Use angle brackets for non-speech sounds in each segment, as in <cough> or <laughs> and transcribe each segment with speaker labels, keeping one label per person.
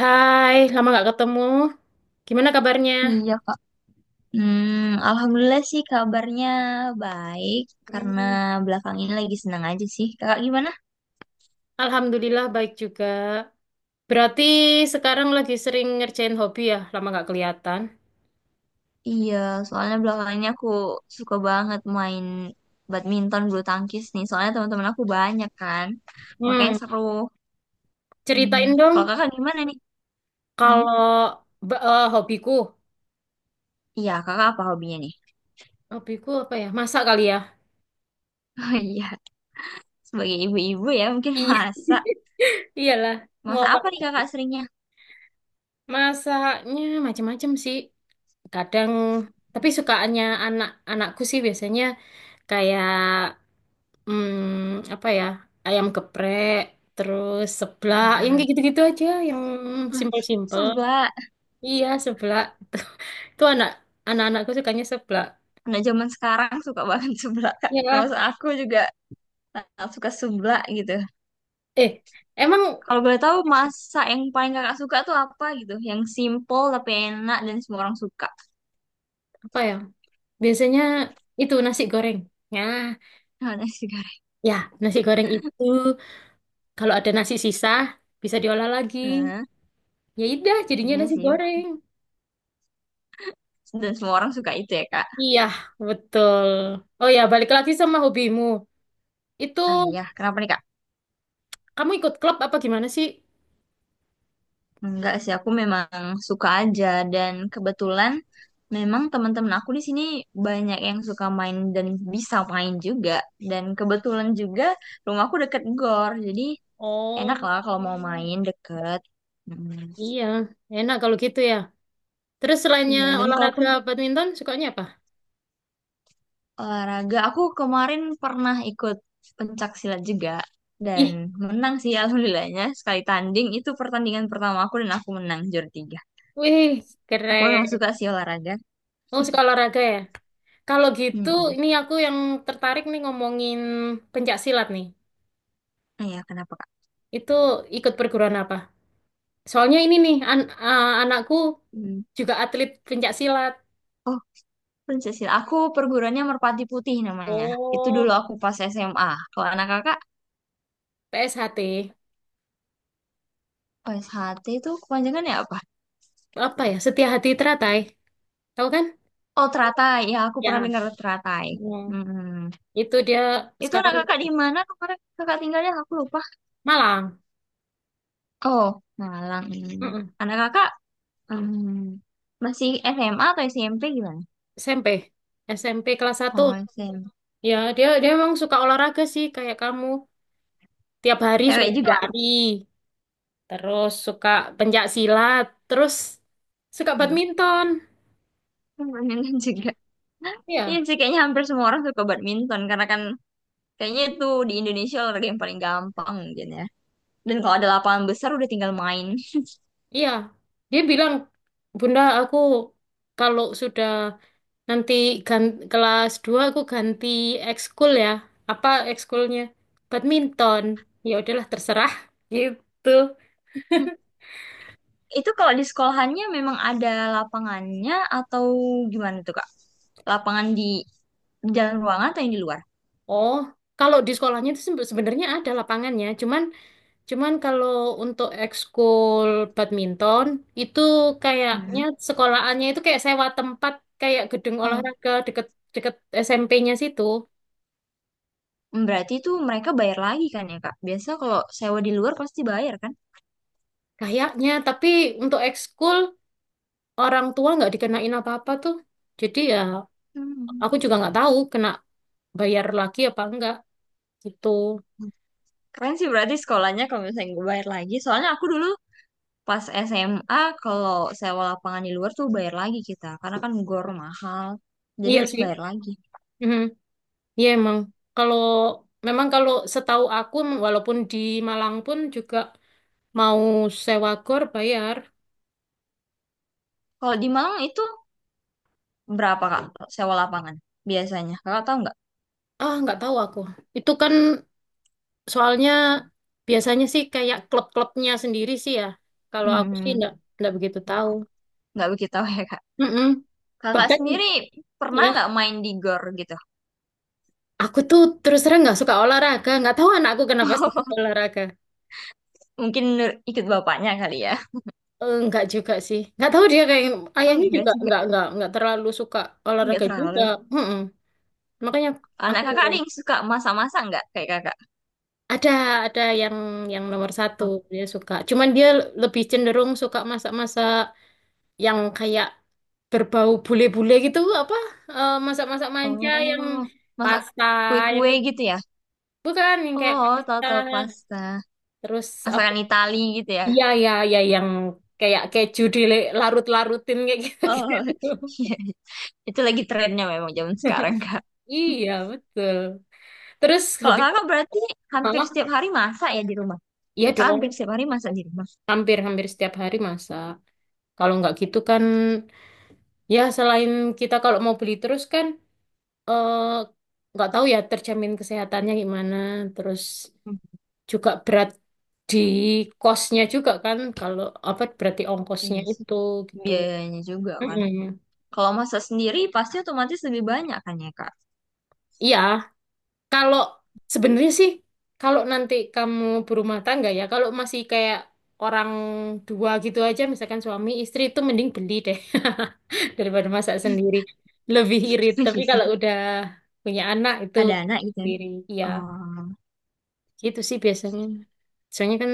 Speaker 1: Hai, lama nggak ketemu. Gimana kabarnya?
Speaker 2: Iya, Kak. Hmm, Alhamdulillah sih kabarnya baik karena
Speaker 1: Mm,
Speaker 2: belakang ini lagi senang aja sih. Kakak gimana?
Speaker 1: Alhamdulillah baik juga. Berarti sekarang lagi sering ngerjain hobi ya, lama nggak kelihatan.
Speaker 2: Iya, soalnya belakang ini aku suka banget main badminton bulu tangkis nih. Soalnya teman-teman aku banyak kan. Makanya
Speaker 1: Hmm,
Speaker 2: seru. Hmm.
Speaker 1: ceritain dong
Speaker 2: Kalau kakak gimana nih? Hmm?
Speaker 1: kalau hobiku,
Speaker 2: Iya, kakak apa hobinya nih?
Speaker 1: hobiku apa ya? Masak kali ya.
Speaker 2: <laughs> Oh iya, sebagai ibu-ibu ya mungkin
Speaker 1: Iya.
Speaker 2: masak.
Speaker 1: <laughs> Iyalah, mau
Speaker 2: Masak
Speaker 1: apa?
Speaker 2: apa nih kakak seringnya?
Speaker 1: Masaknya macam-macam sih. Kadang, tapi sukaannya anak-anakku sih biasanya kayak apa ya? Ayam geprek, terus seblak, yang
Speaker 2: Hmm.
Speaker 1: kayak gitu-gitu aja, yang simpel-simpel.
Speaker 2: Sebelah.
Speaker 1: Iya, seblak. <laughs> Itu anak-anakku sukanya seblak.
Speaker 2: Nah, zaman sekarang suka banget <laughs> seblak, Kak.
Speaker 1: Ya,
Speaker 2: Termasuk aku juga. Nah, suka seblak gitu.
Speaker 1: eh, emang
Speaker 2: Kalau boleh tahu masak yang paling kakak suka tuh apa gitu? Yang simple tapi enak dan semua orang suka.
Speaker 1: apa ya? Biasanya itu nasi goreng. Ya,
Speaker 2: Nah, nasi goreng.
Speaker 1: ya, nasi goreng itu kalau ada nasi sisa bisa diolah lagi.
Speaker 2: Nah,
Speaker 1: Ya udah, jadinya
Speaker 2: iya
Speaker 1: nasi
Speaker 2: sih.
Speaker 1: goreng.
Speaker 2: Dan semua orang suka itu ya, Kak.
Speaker 1: Iya, betul. Oh ya, balik lagi sama hobimu. Itu
Speaker 2: Ah iya, kenapa nih, Kak?
Speaker 1: kamu ikut klub apa gimana sih?
Speaker 2: Enggak sih, aku memang suka aja dan kebetulan memang teman-teman aku di sini banyak yang suka main dan bisa main juga. Dan kebetulan juga rumahku deket gor, jadi enak
Speaker 1: Oh,
Speaker 2: lah kalau mau main deket. Hmm,
Speaker 1: iya. Enak kalau gitu ya. Terus selainnya
Speaker 2: Iya, dan kalaupun
Speaker 1: olahraga badminton, sukanya apa?
Speaker 2: olahraga, aku kemarin pernah ikut pencak silat juga dan
Speaker 1: Ih,
Speaker 2: menang sih alhamdulillahnya. Sekali tanding itu pertandingan pertama aku dan aku menang juara tiga.
Speaker 1: wih,
Speaker 2: Aku
Speaker 1: keren.
Speaker 2: memang suka sih olahraga.
Speaker 1: Oh, suka olahraga ya? Kalau gitu,
Speaker 2: Hmm.
Speaker 1: ini aku yang tertarik nih ngomongin pencak silat nih.
Speaker 2: Ah ya, kenapa Kak?
Speaker 1: Itu ikut perguruan apa? Soalnya ini nih, anakku
Speaker 2: Hmm.
Speaker 1: juga atlet pencak silat.
Speaker 2: Oh, pencak silat. Aku perguruannya Merpati Putih namanya. Itu dulu
Speaker 1: Oh,
Speaker 2: aku pas SMA. Kalau anak kakak
Speaker 1: PSHT.
Speaker 2: OSHT itu kepanjangannya apa?
Speaker 1: Apa ya? Setia Hati Teratai. Tahu kan?
Speaker 2: Oh, teratai. Ya, aku pernah
Speaker 1: Ya.
Speaker 2: dengar teratai.
Speaker 1: Hmm.
Speaker 2: Hmm.
Speaker 1: Itu dia
Speaker 2: Itu anak
Speaker 1: sekarang
Speaker 2: kakak di mana kemarin kakak tinggalnya? Aku lupa.
Speaker 1: Malang.
Speaker 2: Oh, Malang. Hmm. Anak kakak Hmm, masih SMA atau SMP gimana?
Speaker 1: SMP, SMP kelas satu.
Speaker 2: Oh, SMP.
Speaker 1: Ya, dia dia memang suka olahraga sih kayak kamu. Tiap hari
Speaker 2: Cewek
Speaker 1: suka
Speaker 2: juga.
Speaker 1: lari, terus suka pencak silat, terus suka
Speaker 2: Hmm.
Speaker 1: badminton.
Speaker 2: Permainan <laughs> juga. Iya
Speaker 1: Iya,
Speaker 2: sih kayaknya hampir semua orang suka badminton karena kan kayaknya itu di Indonesia olahraga yang paling gampang mungkin ya. Dan kalau ada lapangan besar udah tinggal main.
Speaker 1: iya. Dia bilang, "Bunda, aku kalau sudah nanti kelas 2 aku ganti ekskul ya." Apa ekskulnya? Badminton. Ya udahlah terserah gitu.
Speaker 2: Itu kalau di sekolahannya memang ada lapangannya atau gimana tuh Kak? Lapangan di dalam ruangan atau yang di luar?
Speaker 1: Oh, kalau di sekolahnya itu sebenarnya ada lapangannya, cuman Cuman kalau untuk ekskul badminton itu kayaknya
Speaker 2: Hmm.
Speaker 1: sekolahannya itu kayak sewa tempat kayak gedung
Speaker 2: Oh,
Speaker 1: olahraga deket deket SMP-nya situ
Speaker 2: berarti itu mereka bayar lagi kan ya Kak? Biasa kalau sewa di luar pasti bayar kan?
Speaker 1: kayaknya, tapi untuk ekskul orang tua nggak dikenain apa-apa tuh, jadi ya
Speaker 2: Hmm.
Speaker 1: aku juga nggak tahu kena bayar lagi apa enggak gitu.
Speaker 2: Keren sih berarti sekolahnya kalau misalnya gue bayar lagi. Soalnya aku dulu pas SMA kalau sewa lapangan di luar tuh bayar lagi kita. Karena kan gor mahal. Jadi
Speaker 1: Iya
Speaker 2: harus
Speaker 1: sih.
Speaker 2: bayar lagi.
Speaker 1: Mhm. Iya emang kalau memang kalau setahu aku walaupun di Malang pun juga mau sewa gor bayar.
Speaker 2: Kalau di Malang itu berapa Kak sewa lapangan biasanya? Kakak tahu nggak?
Speaker 1: Ah, nggak tahu aku. Itu kan soalnya biasanya sih kayak klub-klubnya sendiri sih ya. Kalau aku sih
Speaker 2: Hmm,
Speaker 1: nggak begitu tahu.
Speaker 2: nggak begitu tahu ya Kak.
Speaker 1: Mm-mm.
Speaker 2: Kakak
Speaker 1: Bahkan
Speaker 2: sendiri pernah
Speaker 1: ya
Speaker 2: nggak main di gor gitu?
Speaker 1: aku tuh terus terang nggak suka olahraga. Nggak tahu anakku kenapa suka olahraga.
Speaker 2: Mungkin ikut bapaknya kali ya.
Speaker 1: Nggak juga sih. Nggak tahu dia kayak
Speaker 2: Oh
Speaker 1: ayahnya
Speaker 2: enggak
Speaker 1: juga
Speaker 2: juga.
Speaker 1: nggak nggak terlalu suka
Speaker 2: Enggak
Speaker 1: olahraga juga.
Speaker 2: terlalu.
Speaker 1: Mm-mm. Makanya
Speaker 2: Anak
Speaker 1: aku
Speaker 2: kakak ada yang suka masak-masak nggak kayak kakak?
Speaker 1: ada ada yang nomor satu dia suka. Cuman dia lebih cenderung suka masak-masak yang kayak berbau bule-bule gitu apa masak-masak manja yang
Speaker 2: Oh, masak
Speaker 1: pasta yang
Speaker 2: kue-kue
Speaker 1: kayak
Speaker 2: gitu ya?
Speaker 1: bukan yang kayak
Speaker 2: Oh, tau
Speaker 1: pasta
Speaker 2: tau pasta.
Speaker 1: terus apa
Speaker 2: Masakan Itali gitu ya.
Speaker 1: iya ya yang kayak keju dilarut-larutin kayak
Speaker 2: Oh, <laughs>
Speaker 1: gitu-gitu.
Speaker 2: iya. Itu lagi trennya memang zaman sekarang, Kak.
Speaker 1: <laughs> Iya betul, terus
Speaker 2: Kalau
Speaker 1: hobi
Speaker 2: kakak berarti hampir
Speaker 1: mama
Speaker 2: setiap hari masak ya di rumah?
Speaker 1: iya
Speaker 2: Kakak
Speaker 1: dong
Speaker 2: hampir setiap hari masak di rumah.
Speaker 1: hampir-hampir setiap hari masak kalau nggak gitu kan ya selain kita kalau mau beli terus kan eh, nggak tahu ya terjamin kesehatannya gimana terus
Speaker 2: Hmm,
Speaker 1: juga berat di kosnya juga kan kalau apa berarti ongkosnya
Speaker 2: iya sih.
Speaker 1: itu gitu.
Speaker 2: Biayanya juga kan.
Speaker 1: Mm-mm.
Speaker 2: Kalau masak sendiri pasti otomatis lebih banyak kan ya, Kak?
Speaker 1: Iya, kalau sebenarnya sih kalau nanti kamu berumah tangga ya, kalau masih kayak orang dua gitu aja misalkan suami istri itu mending beli deh <laughs> daripada masak sendiri. Lebih irit,
Speaker 2: <laughs>
Speaker 1: tapi
Speaker 2: Iya sih.
Speaker 1: kalau udah punya anak itu
Speaker 2: Ada anak gitu ya.
Speaker 1: sendiri. Iya,
Speaker 2: Oh,
Speaker 1: gitu sih biasanya. Soalnya kan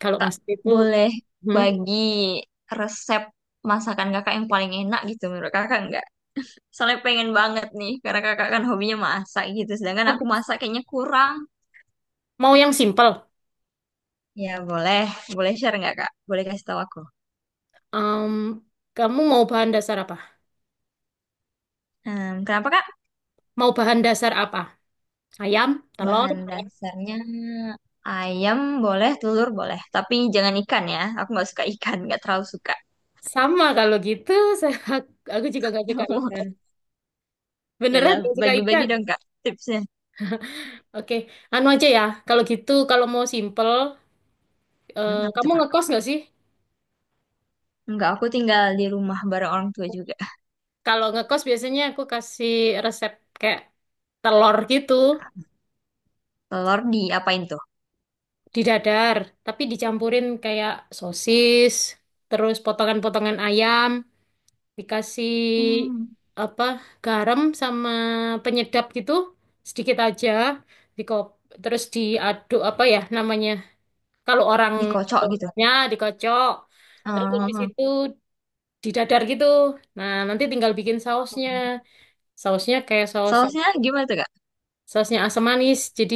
Speaker 1: kalau
Speaker 2: Kak,
Speaker 1: masak itu
Speaker 2: boleh
Speaker 1: hmm,
Speaker 2: bagi resep masakan kakak yang paling enak gitu menurut kakak nggak? Soalnya pengen banget nih, karena kakak kan hobinya masak gitu. Sedangkan aku masak kayaknya kurang.
Speaker 1: mau yang simpel.
Speaker 2: Ya boleh, boleh share nggak kak? Boleh kasih tahu aku.
Speaker 1: Em, kamu mau bahan dasar apa?
Speaker 2: Kenapa kak?
Speaker 1: Mau bahan dasar apa? Ayam, telur,
Speaker 2: Bahan dasarnya ayam boleh, telur boleh. Tapi jangan ikan ya. Aku nggak suka ikan, nggak terlalu suka.
Speaker 1: sama kalau gitu. <laughs> Saya, aku juga nggak suka ikan.
Speaker 2: <laughs>
Speaker 1: Beneran
Speaker 2: Yalah,
Speaker 1: nggak suka
Speaker 2: bagi-bagi
Speaker 1: ikan?
Speaker 2: dong kak tipsnya.
Speaker 1: Oke, anu aja ya. Kalau gitu, kalau mau simple,
Speaker 2: Apa
Speaker 1: kamu
Speaker 2: tuh kak?
Speaker 1: ngekos nggak sih?
Speaker 2: Enggak, aku tinggal di rumah bareng orang tua juga.
Speaker 1: Kalau ngekos biasanya aku kasih resep kayak telur gitu
Speaker 2: Telur diapain tuh?
Speaker 1: di dadar, tapi dicampurin kayak sosis, terus potongan-potongan ayam, dikasih
Speaker 2: Hmm,
Speaker 1: apa garam sama penyedap gitu sedikit aja, dikop terus diaduk apa ya namanya kalau orang
Speaker 2: Dikocok gitu.
Speaker 1: Jawanya dikocok, terus habis
Speaker 2: Oh.
Speaker 1: itu didadar gitu. Nah nanti tinggal bikin sausnya, sausnya kayak saus.
Speaker 2: Sausnya gimana tuh kak?
Speaker 1: Sausnya asam manis. Jadi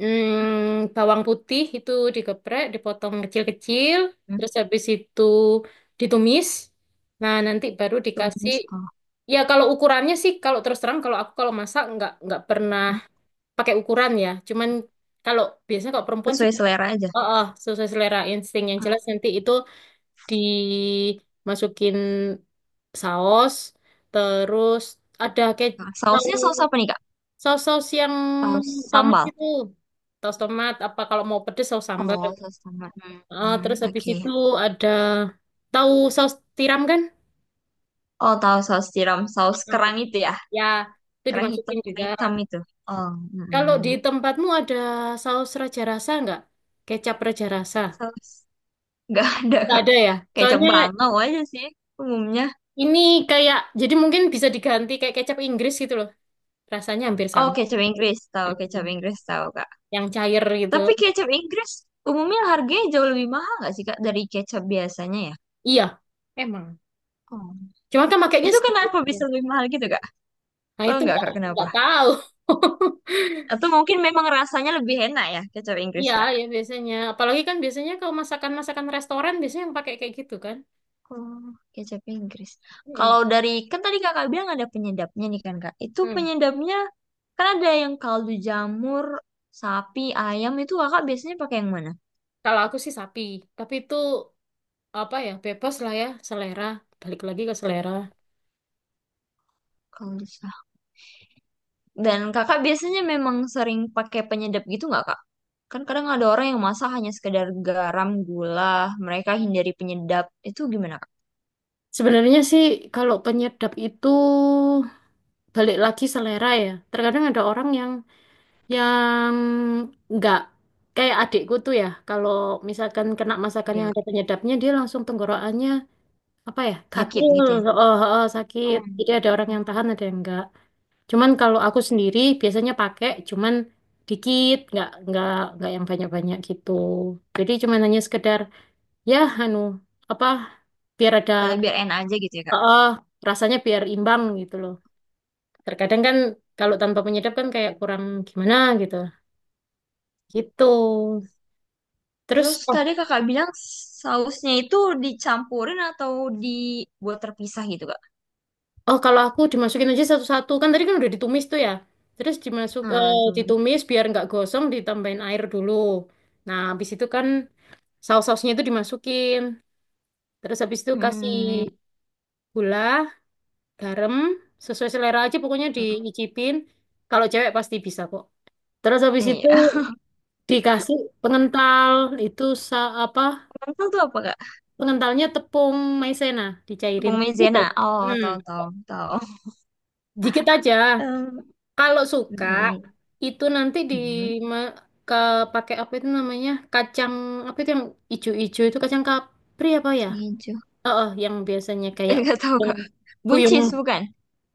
Speaker 1: bawang putih itu digeprek, dipotong kecil-kecil,
Speaker 2: Hmm,
Speaker 1: terus habis itu ditumis. Nah, nanti baru dikasih.
Speaker 2: Tumis. Oh.
Speaker 1: Ya kalau ukurannya sih kalau terus terang kalau aku kalau masak nggak pernah pakai ukuran ya. Cuman kalau biasanya kalau perempuan sih
Speaker 2: Sesuai selera aja.
Speaker 1: oh, oh sesuai selera insting yang jelas nanti itu dimasukin saus terus ada
Speaker 2: Ah,
Speaker 1: kecap.
Speaker 2: sausnya saus apa nih, Kak?
Speaker 1: Saus-saus yang
Speaker 2: Saus
Speaker 1: tomat
Speaker 2: sambal.
Speaker 1: itu, saus tomat. Apa kalau mau pedes saus sambal.
Speaker 2: Oh, saus sambal. Hmm,
Speaker 1: Terus
Speaker 2: hmm,
Speaker 1: habis
Speaker 2: oke.
Speaker 1: itu ada tahu saus tiram kan?
Speaker 2: Oh, tahu saus tiram, saus
Speaker 1: Eh,
Speaker 2: kerang itu ya.
Speaker 1: ya, itu dimasukin
Speaker 2: Kerang
Speaker 1: juga.
Speaker 2: hitam itu. Oh,
Speaker 1: Kalau di
Speaker 2: mm
Speaker 1: tempatmu ada saus raja rasa nggak? Kecap raja rasa?
Speaker 2: saus <laughs> nggak ada,
Speaker 1: Nggak
Speaker 2: Kak.
Speaker 1: ada ya?
Speaker 2: Kecap
Speaker 1: Soalnya
Speaker 2: bangau aja sih umumnya.
Speaker 1: ini kayak, jadi mungkin bisa diganti kayak kecap Inggris gitu loh. Rasanya hampir
Speaker 2: Oh,
Speaker 1: sama. Mm.
Speaker 2: kecap Inggris tahu, Kak.
Speaker 1: Yang cair gitu.
Speaker 2: Tapi kecap Inggris umumnya harganya jauh lebih mahal nggak sih, Kak, dari kecap biasanya ya?
Speaker 1: Iya, emang.
Speaker 2: Oh.
Speaker 1: Cuma kan makainya
Speaker 2: Itu
Speaker 1: sedikit.
Speaker 2: kenapa
Speaker 1: Aja.
Speaker 2: bisa lebih mahal gitu, Kak?
Speaker 1: Nah
Speaker 2: Tahu
Speaker 1: itu
Speaker 2: nggak,
Speaker 1: nggak
Speaker 2: Kak, kenapa?
Speaker 1: nggak tahu. <laughs>
Speaker 2: Atau mungkin memang rasanya lebih enak ya kecap Inggris
Speaker 1: Iya,
Speaker 2: kak?
Speaker 1: ya biasanya. Apalagi kan biasanya kalau masakan-masakan restoran biasanya yang pakai kayak gitu kan.
Speaker 2: Oh, kecap Inggris.
Speaker 1: Mm-mm.
Speaker 2: Kalau dari kan tadi kakak bilang ada penyedapnya nih kan kak. Itu
Speaker 1: Mm.
Speaker 2: penyedapnya kan ada yang kaldu jamur, sapi, ayam itu kakak biasanya pakai yang mana?
Speaker 1: Kalau aku sih sapi, tapi itu apa ya, bebas lah ya, selera. Balik lagi ke selera.
Speaker 2: Kalau bisa. Dan kakak biasanya memang sering pakai penyedap gitu nggak kak? Kan kadang ada orang yang masak hanya sekedar garam, gula, mereka hindari penyedap. Itu gimana kak?
Speaker 1: Sebenarnya sih kalau penyedap itu balik lagi selera ya. Terkadang ada orang yang nggak kayak adikku tuh ya. Kalau misalkan kena masakan
Speaker 2: Dia
Speaker 1: yang
Speaker 2: kak?
Speaker 1: ada penyedapnya, dia langsung tenggorokannya apa ya,
Speaker 2: Sakit
Speaker 1: gatel,
Speaker 2: gitu ya?
Speaker 1: oh, oh, sakit.
Speaker 2: Oh.
Speaker 1: Jadi ada orang yang tahan, ada yang enggak. Cuman kalau aku sendiri biasanya pakai cuman dikit, nggak nggak yang banyak-banyak gitu. Jadi cuman hanya sekedar ya anu apa biar ada
Speaker 2: Kalau biar enak aja gitu ya
Speaker 1: eh
Speaker 2: kak?
Speaker 1: eh, rasanya biar imbang gitu loh. Terkadang kan kalau tanpa penyedap kan kayak kurang gimana gitu. Gitu. Terus
Speaker 2: Terus
Speaker 1: oh,
Speaker 2: tadi kakak bilang sausnya itu dicampurin atau dibuat terpisah gitu kak?
Speaker 1: oh kalau aku dimasukin aja satu-satu kan tadi kan udah ditumis tuh ya. Terus
Speaker 2: Ah, tuh.
Speaker 1: ditumis biar nggak gosong ditambahin air dulu. Nah, habis itu kan saus-sausnya itu dimasukin. Terus habis itu kasih
Speaker 2: Hmm,
Speaker 1: gula, garam, sesuai selera aja pokoknya diicipin. Kalau cewek pasti bisa kok. Terus habis itu
Speaker 2: iya.
Speaker 1: dikasih pengental itu apa?
Speaker 2: <laughs> Lentil tuh apa kak?
Speaker 1: Pengentalnya tepung maizena dicairin.
Speaker 2: Tepung maizena.
Speaker 1: Udah.
Speaker 2: Oh,
Speaker 1: Hmm,
Speaker 2: tahu tahu tahu.
Speaker 1: dikit aja.
Speaker 2: Em,
Speaker 1: Kalau suka
Speaker 2: mm,
Speaker 1: itu nanti di
Speaker 2: mm,
Speaker 1: ma- ke pakai apa itu namanya? Kacang apa itu yang ijo-ijo itu kacang kapri apa ya?
Speaker 2: Hijau.
Speaker 1: Oh, yang biasanya kayak
Speaker 2: <laughs> Gak tahu kak. Buncis
Speaker 1: kuyung.
Speaker 2: bukan?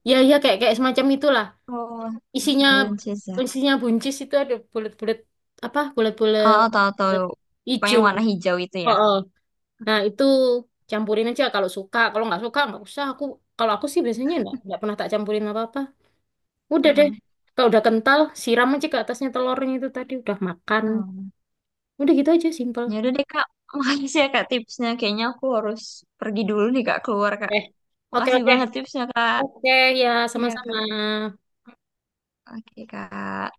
Speaker 1: Ya, ya kayak kayak semacam itulah.
Speaker 2: Oh, macam
Speaker 1: Isinya
Speaker 2: buncis ya.
Speaker 1: isinya buncis itu ada bulat-bulat apa bulat-bulat
Speaker 2: Oh, tahu tahu. Pokoknya
Speaker 1: hijau
Speaker 2: warna hijau itu ya.
Speaker 1: oh, nah itu campurin aja kalau suka kalau nggak suka nggak usah aku kalau aku sih biasanya nggak pernah tak campurin apa-apa udah deh
Speaker 2: Hmm,
Speaker 1: kalau udah kental siram aja ke atasnya telurnya itu tadi udah makan
Speaker 2: hmm.
Speaker 1: udah gitu aja simple.
Speaker 2: Ya udah deh kak. <laughs> Makasih ya kak tipsnya. Kayaknya aku harus pergi dulu nih kak keluar kak.
Speaker 1: Eh oke
Speaker 2: Makasih
Speaker 1: oke
Speaker 2: banget tipsnya, Kak.
Speaker 1: oke ya
Speaker 2: Iya,
Speaker 1: sama-sama.
Speaker 2: Kak. Oke, Kak.